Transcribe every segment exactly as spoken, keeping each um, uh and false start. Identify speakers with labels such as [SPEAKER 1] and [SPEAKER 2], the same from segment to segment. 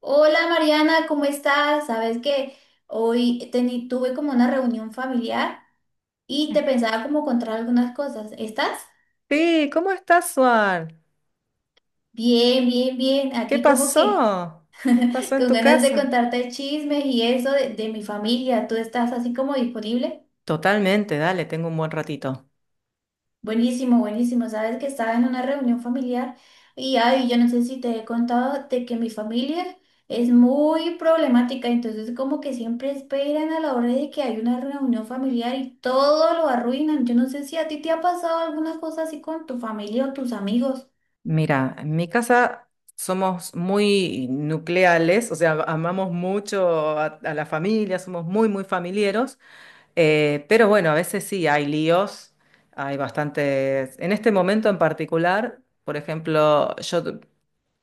[SPEAKER 1] Hola Mariana, ¿cómo estás? Sabes que hoy teni- tuve como una reunión familiar y te pensaba como contar algunas cosas. ¿Estás?
[SPEAKER 2] Sí, ¿cómo estás, Juan?
[SPEAKER 1] Bien, bien, bien.
[SPEAKER 2] ¿Qué
[SPEAKER 1] Aquí como que
[SPEAKER 2] pasó? ¿Qué pasó en
[SPEAKER 1] con
[SPEAKER 2] tu
[SPEAKER 1] ganas de
[SPEAKER 2] casa?
[SPEAKER 1] contarte chismes y eso de, de mi familia. ¿Tú estás así como disponible?
[SPEAKER 2] Totalmente, dale, tengo un buen ratito.
[SPEAKER 1] Buenísimo, buenísimo. Sabes que estaba en una reunión familiar y ay, yo no sé si te he contado de que mi familia es muy problemática, entonces como que siempre esperan a la hora de que hay una reunión familiar y todo lo arruinan. Yo no sé si a ti te ha pasado alguna cosa así con tu familia o tus amigos.
[SPEAKER 2] Mira, en mi casa somos muy nucleales, o sea, amamos mucho a, a la familia, somos muy, muy familieros, eh, pero bueno, a veces sí hay líos, hay bastantes. En este momento en particular, por ejemplo, yo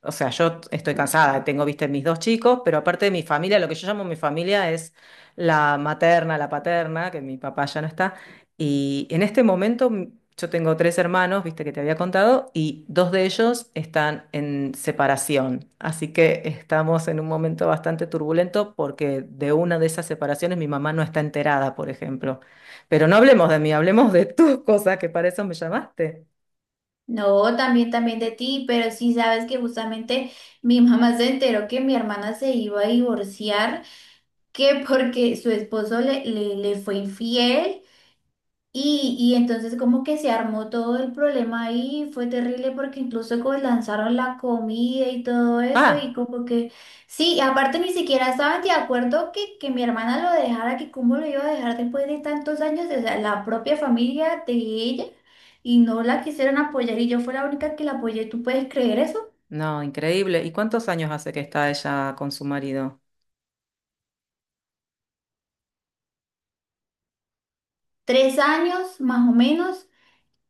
[SPEAKER 2] O sea, yo estoy cansada, tengo, viste, mis dos chicos, pero aparte de mi familia, lo que yo llamo mi familia es la materna, la paterna, que mi papá ya no está. Y en este momento mm, yo tengo tres hermanos, viste, que te había contado, y dos de ellos están en separación. Así que estamos en un momento bastante turbulento porque de una de esas separaciones mi mamá no está enterada, por ejemplo. Pero no hablemos de mí, hablemos de tus cosas, que para eso me llamaste.
[SPEAKER 1] No, también, también de ti, pero sí sabes que justamente mi mamá se enteró que mi hermana se iba a divorciar, que porque su esposo le, le le fue infiel. Y, y entonces como que se armó todo el problema ahí, fue terrible porque incluso como lanzaron la comida y todo eso y
[SPEAKER 2] Ah.
[SPEAKER 1] como que, sí, y aparte ni siquiera estaban de acuerdo que, que mi hermana lo dejara, que cómo lo iba a dejar después de tantos años, o sea, la propia familia de ella y no la quisieron apoyar y yo fui la única que la apoyé, ¿tú puedes creer eso?
[SPEAKER 2] No, increíble. ¿Y cuántos años hace que está ella con su marido?
[SPEAKER 1] Tres años más o menos.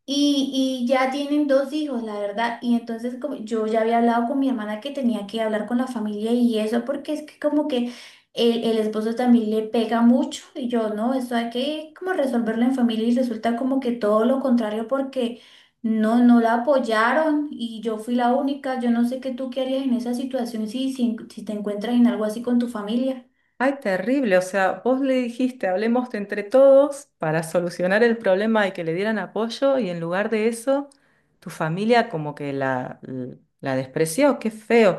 [SPEAKER 1] Y, y ya tienen dos hijos, la verdad. Y entonces como yo ya había hablado con mi hermana que tenía que hablar con la familia y eso, porque es que como que el, el esposo también le pega mucho y yo, no, eso hay que como resolverlo en familia y resulta como que todo lo contrario porque no, no la apoyaron y yo fui la única. Yo no sé qué tú qué harías en esa situación si, si, si te encuentras en algo así con tu familia.
[SPEAKER 2] Ay, terrible. O sea, vos le dijiste, hablemos de entre todos para solucionar el problema y que le dieran apoyo y en lugar de eso, tu familia como que la, l- la despreció. Qué feo.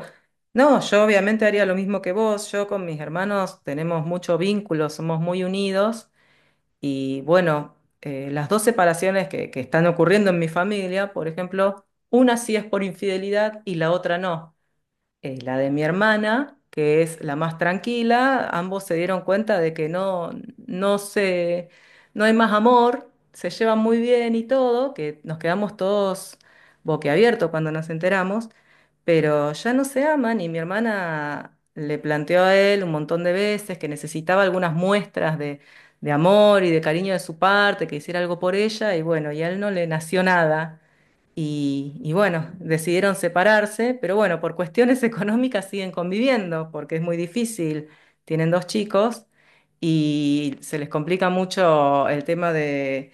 [SPEAKER 2] No, yo obviamente haría lo mismo que vos. Yo con mis hermanos tenemos mucho vínculo, somos muy unidos y bueno, eh, las dos separaciones que que están ocurriendo en mi familia, por ejemplo, una sí es por infidelidad y la otra no. Eh, la de mi hermana, que es la más tranquila, ambos se dieron cuenta de que no, no se, no hay más amor, se llevan muy bien y todo, que nos quedamos todos boquiabiertos cuando nos enteramos, pero ya no se aman y mi hermana le planteó a él un montón de veces que necesitaba algunas muestras de, de amor y de cariño de su parte, que hiciera algo por ella y bueno, y a él no le nació nada. Y, y bueno, decidieron separarse, pero bueno, por cuestiones económicas siguen conviviendo, porque es muy difícil. Tienen dos chicos y se les complica mucho el tema de,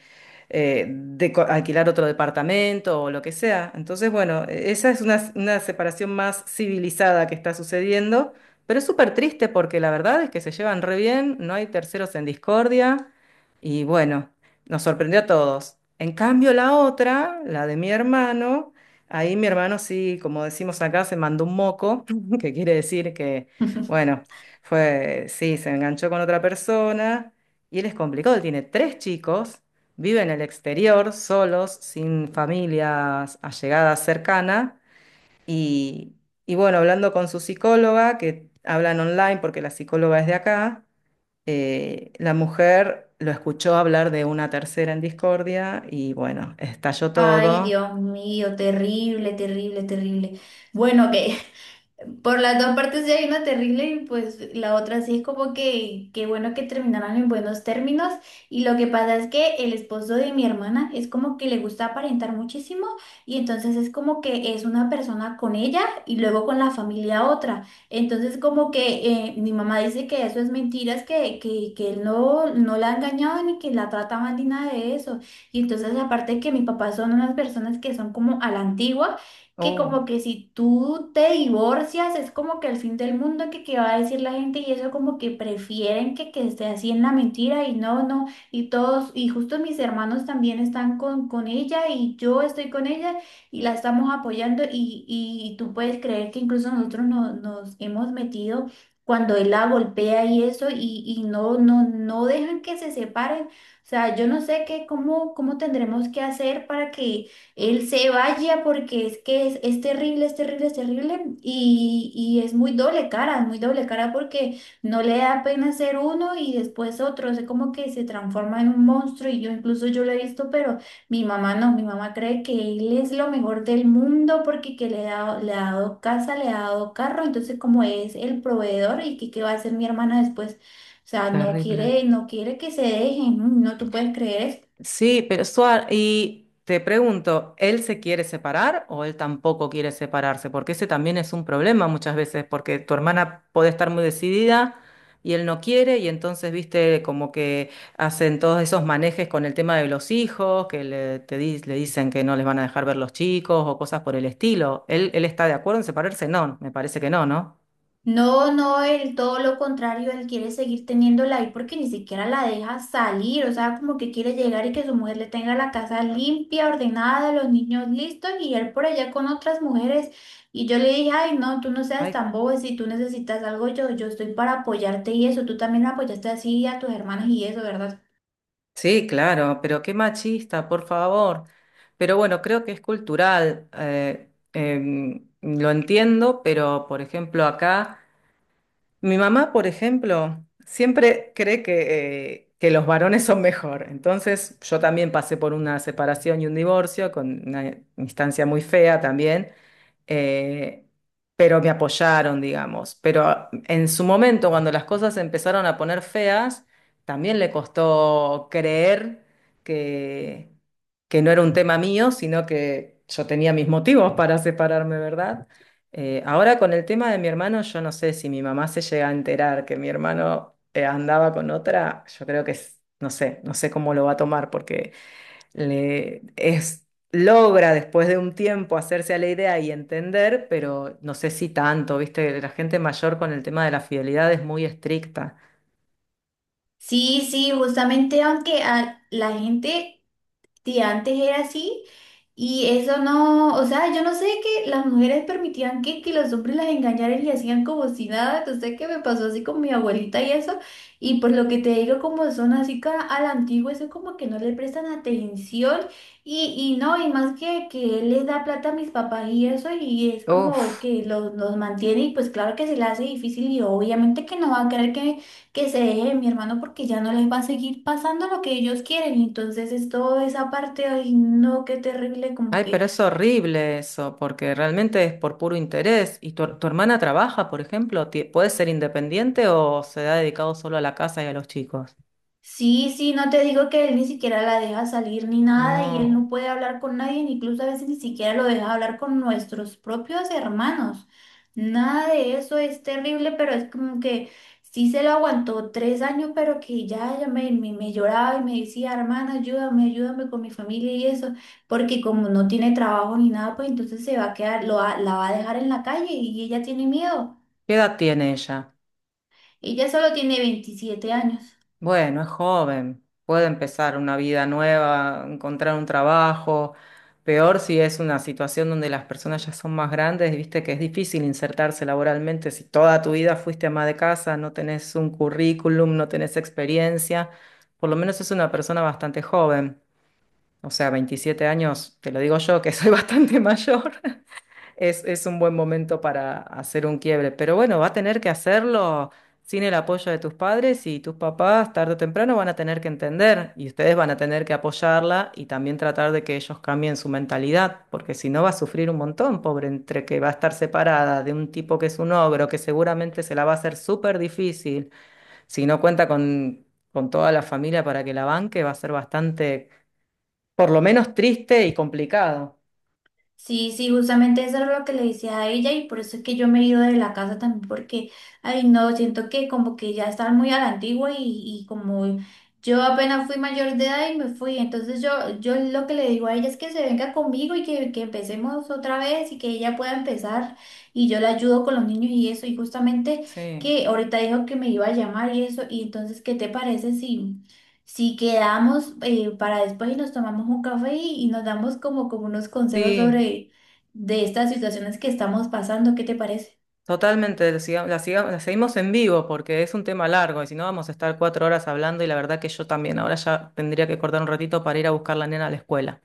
[SPEAKER 2] eh, de co- alquilar otro departamento o lo que sea. Entonces, bueno, e- esa es una, una separación más civilizada que está sucediendo, pero es súper triste porque la verdad es que se llevan re bien, no hay terceros en discordia y bueno. Nos sorprendió a todos. En cambio, la otra, la de mi hermano, ahí mi hermano sí, como decimos acá, se mandó un moco, que quiere decir que, bueno, fue, sí, se enganchó con otra persona y él es complicado, él tiene tres chicos, vive en el exterior, solos, sin familias allegadas cercana y, y bueno, hablando con su psicóloga, que hablan online porque la psicóloga es de acá. Eh, la mujer lo escuchó hablar de una tercera en discordia y bueno, estalló
[SPEAKER 1] Ay,
[SPEAKER 2] todo.
[SPEAKER 1] Dios mío, terrible, terrible, terrible. Bueno, ok, por las dos partes ya hay una terrible y pues la otra sí es como que qué bueno que terminaron en buenos términos y lo que pasa es que el esposo de mi hermana es como que le gusta aparentar muchísimo y entonces es como que es una persona con ella y luego con la familia otra. Entonces como que eh, mi mamá dice que eso es mentiras, que, que, que él no, no la ha engañado ni que la trata mal ni nada de eso. Y entonces aparte que mis papás son unas personas que son como a la antigua que
[SPEAKER 2] Oh,
[SPEAKER 1] como que si tú te divorcias es como que el fin del mundo que, qué va a decir la gente y eso como que prefieren que, que esté así en la mentira y no, no, y todos, y justo mis hermanos también están con, con ella y yo estoy con ella y la estamos apoyando y, y tú puedes creer que incluso nosotros no- nos hemos metido cuando él la golpea y eso y, y no, no, no dejan que se separen. O sea, yo no sé qué, cómo, cómo tendremos que hacer para que él se vaya porque es que es, es terrible, es terrible, es terrible y, y es muy doble cara, es muy doble cara porque no le da pena ser uno y después otro, es como que se transforma en un monstruo y yo incluso yo lo he visto, pero mi mamá no, mi mamá cree que él es lo mejor del mundo porque que le ha, le ha dado casa, le ha dado carro, entonces como es el proveedor y que qué va a hacer mi hermana después, o sea, no
[SPEAKER 2] terrible.
[SPEAKER 1] quiere, no quiere que se dejen, no, no, tú puedes creer esto.
[SPEAKER 2] Sí, pero Suar, y te pregunto, ¿él se quiere separar o él tampoco quiere separarse? Porque ese también es un problema muchas veces, porque tu hermana puede estar muy decidida y él no quiere, y entonces, viste, como que hacen todos esos manejes con el tema de los hijos, que le, te di- le dicen que no les van a dejar ver los chicos o cosas por el estilo. ¿Él, él está de acuerdo en separarse? No, me parece que no, ¿no?
[SPEAKER 1] No, no, él todo lo contrario, él quiere seguir teniéndola ahí porque ni siquiera la deja salir, o sea, como que quiere llegar y que su mujer le tenga la casa limpia, ordenada, los niños listos y él por allá con otras mujeres. Y yo le dije, ay, no, tú no seas tan bobo, si tú necesitas algo, yo, yo estoy para apoyarte y eso, tú también apoyaste así a tus hermanas y eso, ¿verdad?
[SPEAKER 2] Sí, claro, pero qué machista, por favor. Pero bueno, creo que es cultural. Eh, em, lo entiendo, pero por ejemplo acá, mi mamá, por ejemplo, siempre cree que, eh, que los varones son mejor. Entonces yo también pasé por una separación y un divorcio con una instancia muy fea también, eh, pero me apoyaron, digamos. Pero en su momento, cuando las cosas se empezaron a poner feas, también le costó creer que, que no era un tema mío, sino que yo tenía mis motivos para separarme, ¿verdad? Eh, ahora con el tema de mi hermano, yo no sé si mi mamá se llega a enterar que mi hermano eh, andaba con otra, yo creo que es- no sé, no sé cómo lo va a tomar, porque le es, logra después de un tiempo hacerse a la idea y entender, pero no sé si tanto, ¿viste? La gente mayor con el tema de la fidelidad es muy estricta.
[SPEAKER 1] Sí, sí, justamente aunque a la gente sí, antes era así y eso no, o sea, yo no sé que las mujeres permitían que, que los hombres las engañaran y hacían como si nada, no sé qué me pasó así con mi abuelita y eso, y por lo que te digo, como son así ca- a la antigua, eso como que no le prestan atención y, y no, y más que, que él les da plata a mis papás y eso, y es como
[SPEAKER 2] Uf,
[SPEAKER 1] que los, los mantiene y pues claro que se le hace difícil y obviamente que no va a querer que que se deje de mi hermano porque ya no les va a seguir pasando lo que ellos quieren. Entonces es toda esa parte, ay, no, qué terrible, como
[SPEAKER 2] ay, pero
[SPEAKER 1] que
[SPEAKER 2] es horrible eso, porque realmente es por puro interés. ¿Y tu, tu hermana trabaja, por ejemplo? Ti- ¿Puede ser independiente o se ha dedicado solo a la casa y a los chicos?
[SPEAKER 1] sí, sí, no te digo que él ni siquiera la deja salir ni nada y él
[SPEAKER 2] No.
[SPEAKER 1] no puede hablar con nadie, incluso a veces ni siquiera lo deja hablar con nuestros propios hermanos. Nada de eso es terrible, pero es como que sí se lo aguantó tres años, pero que ya, ya me, me, me lloraba y me decía, hermana, ayúdame, ayúdame con mi familia y eso, porque como no tiene trabajo ni nada, pues entonces se va a quedar, lo, va- la va a dejar en la calle y ella tiene miedo.
[SPEAKER 2] ¿Qué edad tiene ella?
[SPEAKER 1] Ella solo tiene veintisiete años.
[SPEAKER 2] Bueno, es joven, puede empezar una vida nueva, encontrar un trabajo. Peor si es una situación donde las personas ya son más grandes, viste que es difícil insertarse laboralmente si toda tu vida fuiste ama de casa, no tenés un currículum, no tenés experiencia. Por lo menos es una persona bastante joven, o sea, veintisiete años, te lo digo yo que soy bastante mayor. Es, es un buen momento para hacer un quiebre, pero bueno, va a tener que hacerlo sin el apoyo de tus padres y tus papás tarde o temprano van a tener que entender y ustedes van a tener que apoyarla y también tratar de que ellos cambien su mentalidad, porque si no va a sufrir un montón, pobre, entre que va a estar separada de un tipo que es un ogro, que seguramente se la va a hacer súper difícil, si no cuenta con, con toda la familia para que la banque, va a ser bastante, por lo menos triste y complicado.
[SPEAKER 1] Sí, sí, justamente eso era lo que le decía a ella y por eso es que yo me he ido de la casa también porque, ay no, siento que como que ya estaba muy a la antigua y, y como yo apenas fui mayor de edad y me fui, entonces yo, yo lo que le digo a ella es que se venga conmigo y que, que empecemos otra vez y que ella pueda empezar y yo la ayudo con los niños y eso y justamente
[SPEAKER 2] Sí,
[SPEAKER 1] que ahorita dijo que me iba a llamar y eso y entonces, ¿qué te parece si... si quedamos eh, para después y nos tomamos un café y, y nos damos como, como unos consejos
[SPEAKER 2] sí.
[SPEAKER 1] sobre de estas situaciones que estamos pasando, ¿qué te parece?
[SPEAKER 2] Totalmente, lo siga- la, siga- la seguimos en vivo porque es un tema largo y si no vamos a estar cuatro horas hablando y la verdad que yo también ahora ya tendría que cortar un ratito para ir a buscar la nena a la escuela.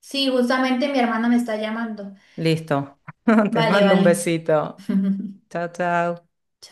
[SPEAKER 1] Sí, justamente mi hermana me está llamando.
[SPEAKER 2] Listo. Te
[SPEAKER 1] Vale,
[SPEAKER 2] mando un
[SPEAKER 1] vale.
[SPEAKER 2] besito. Chao, chao.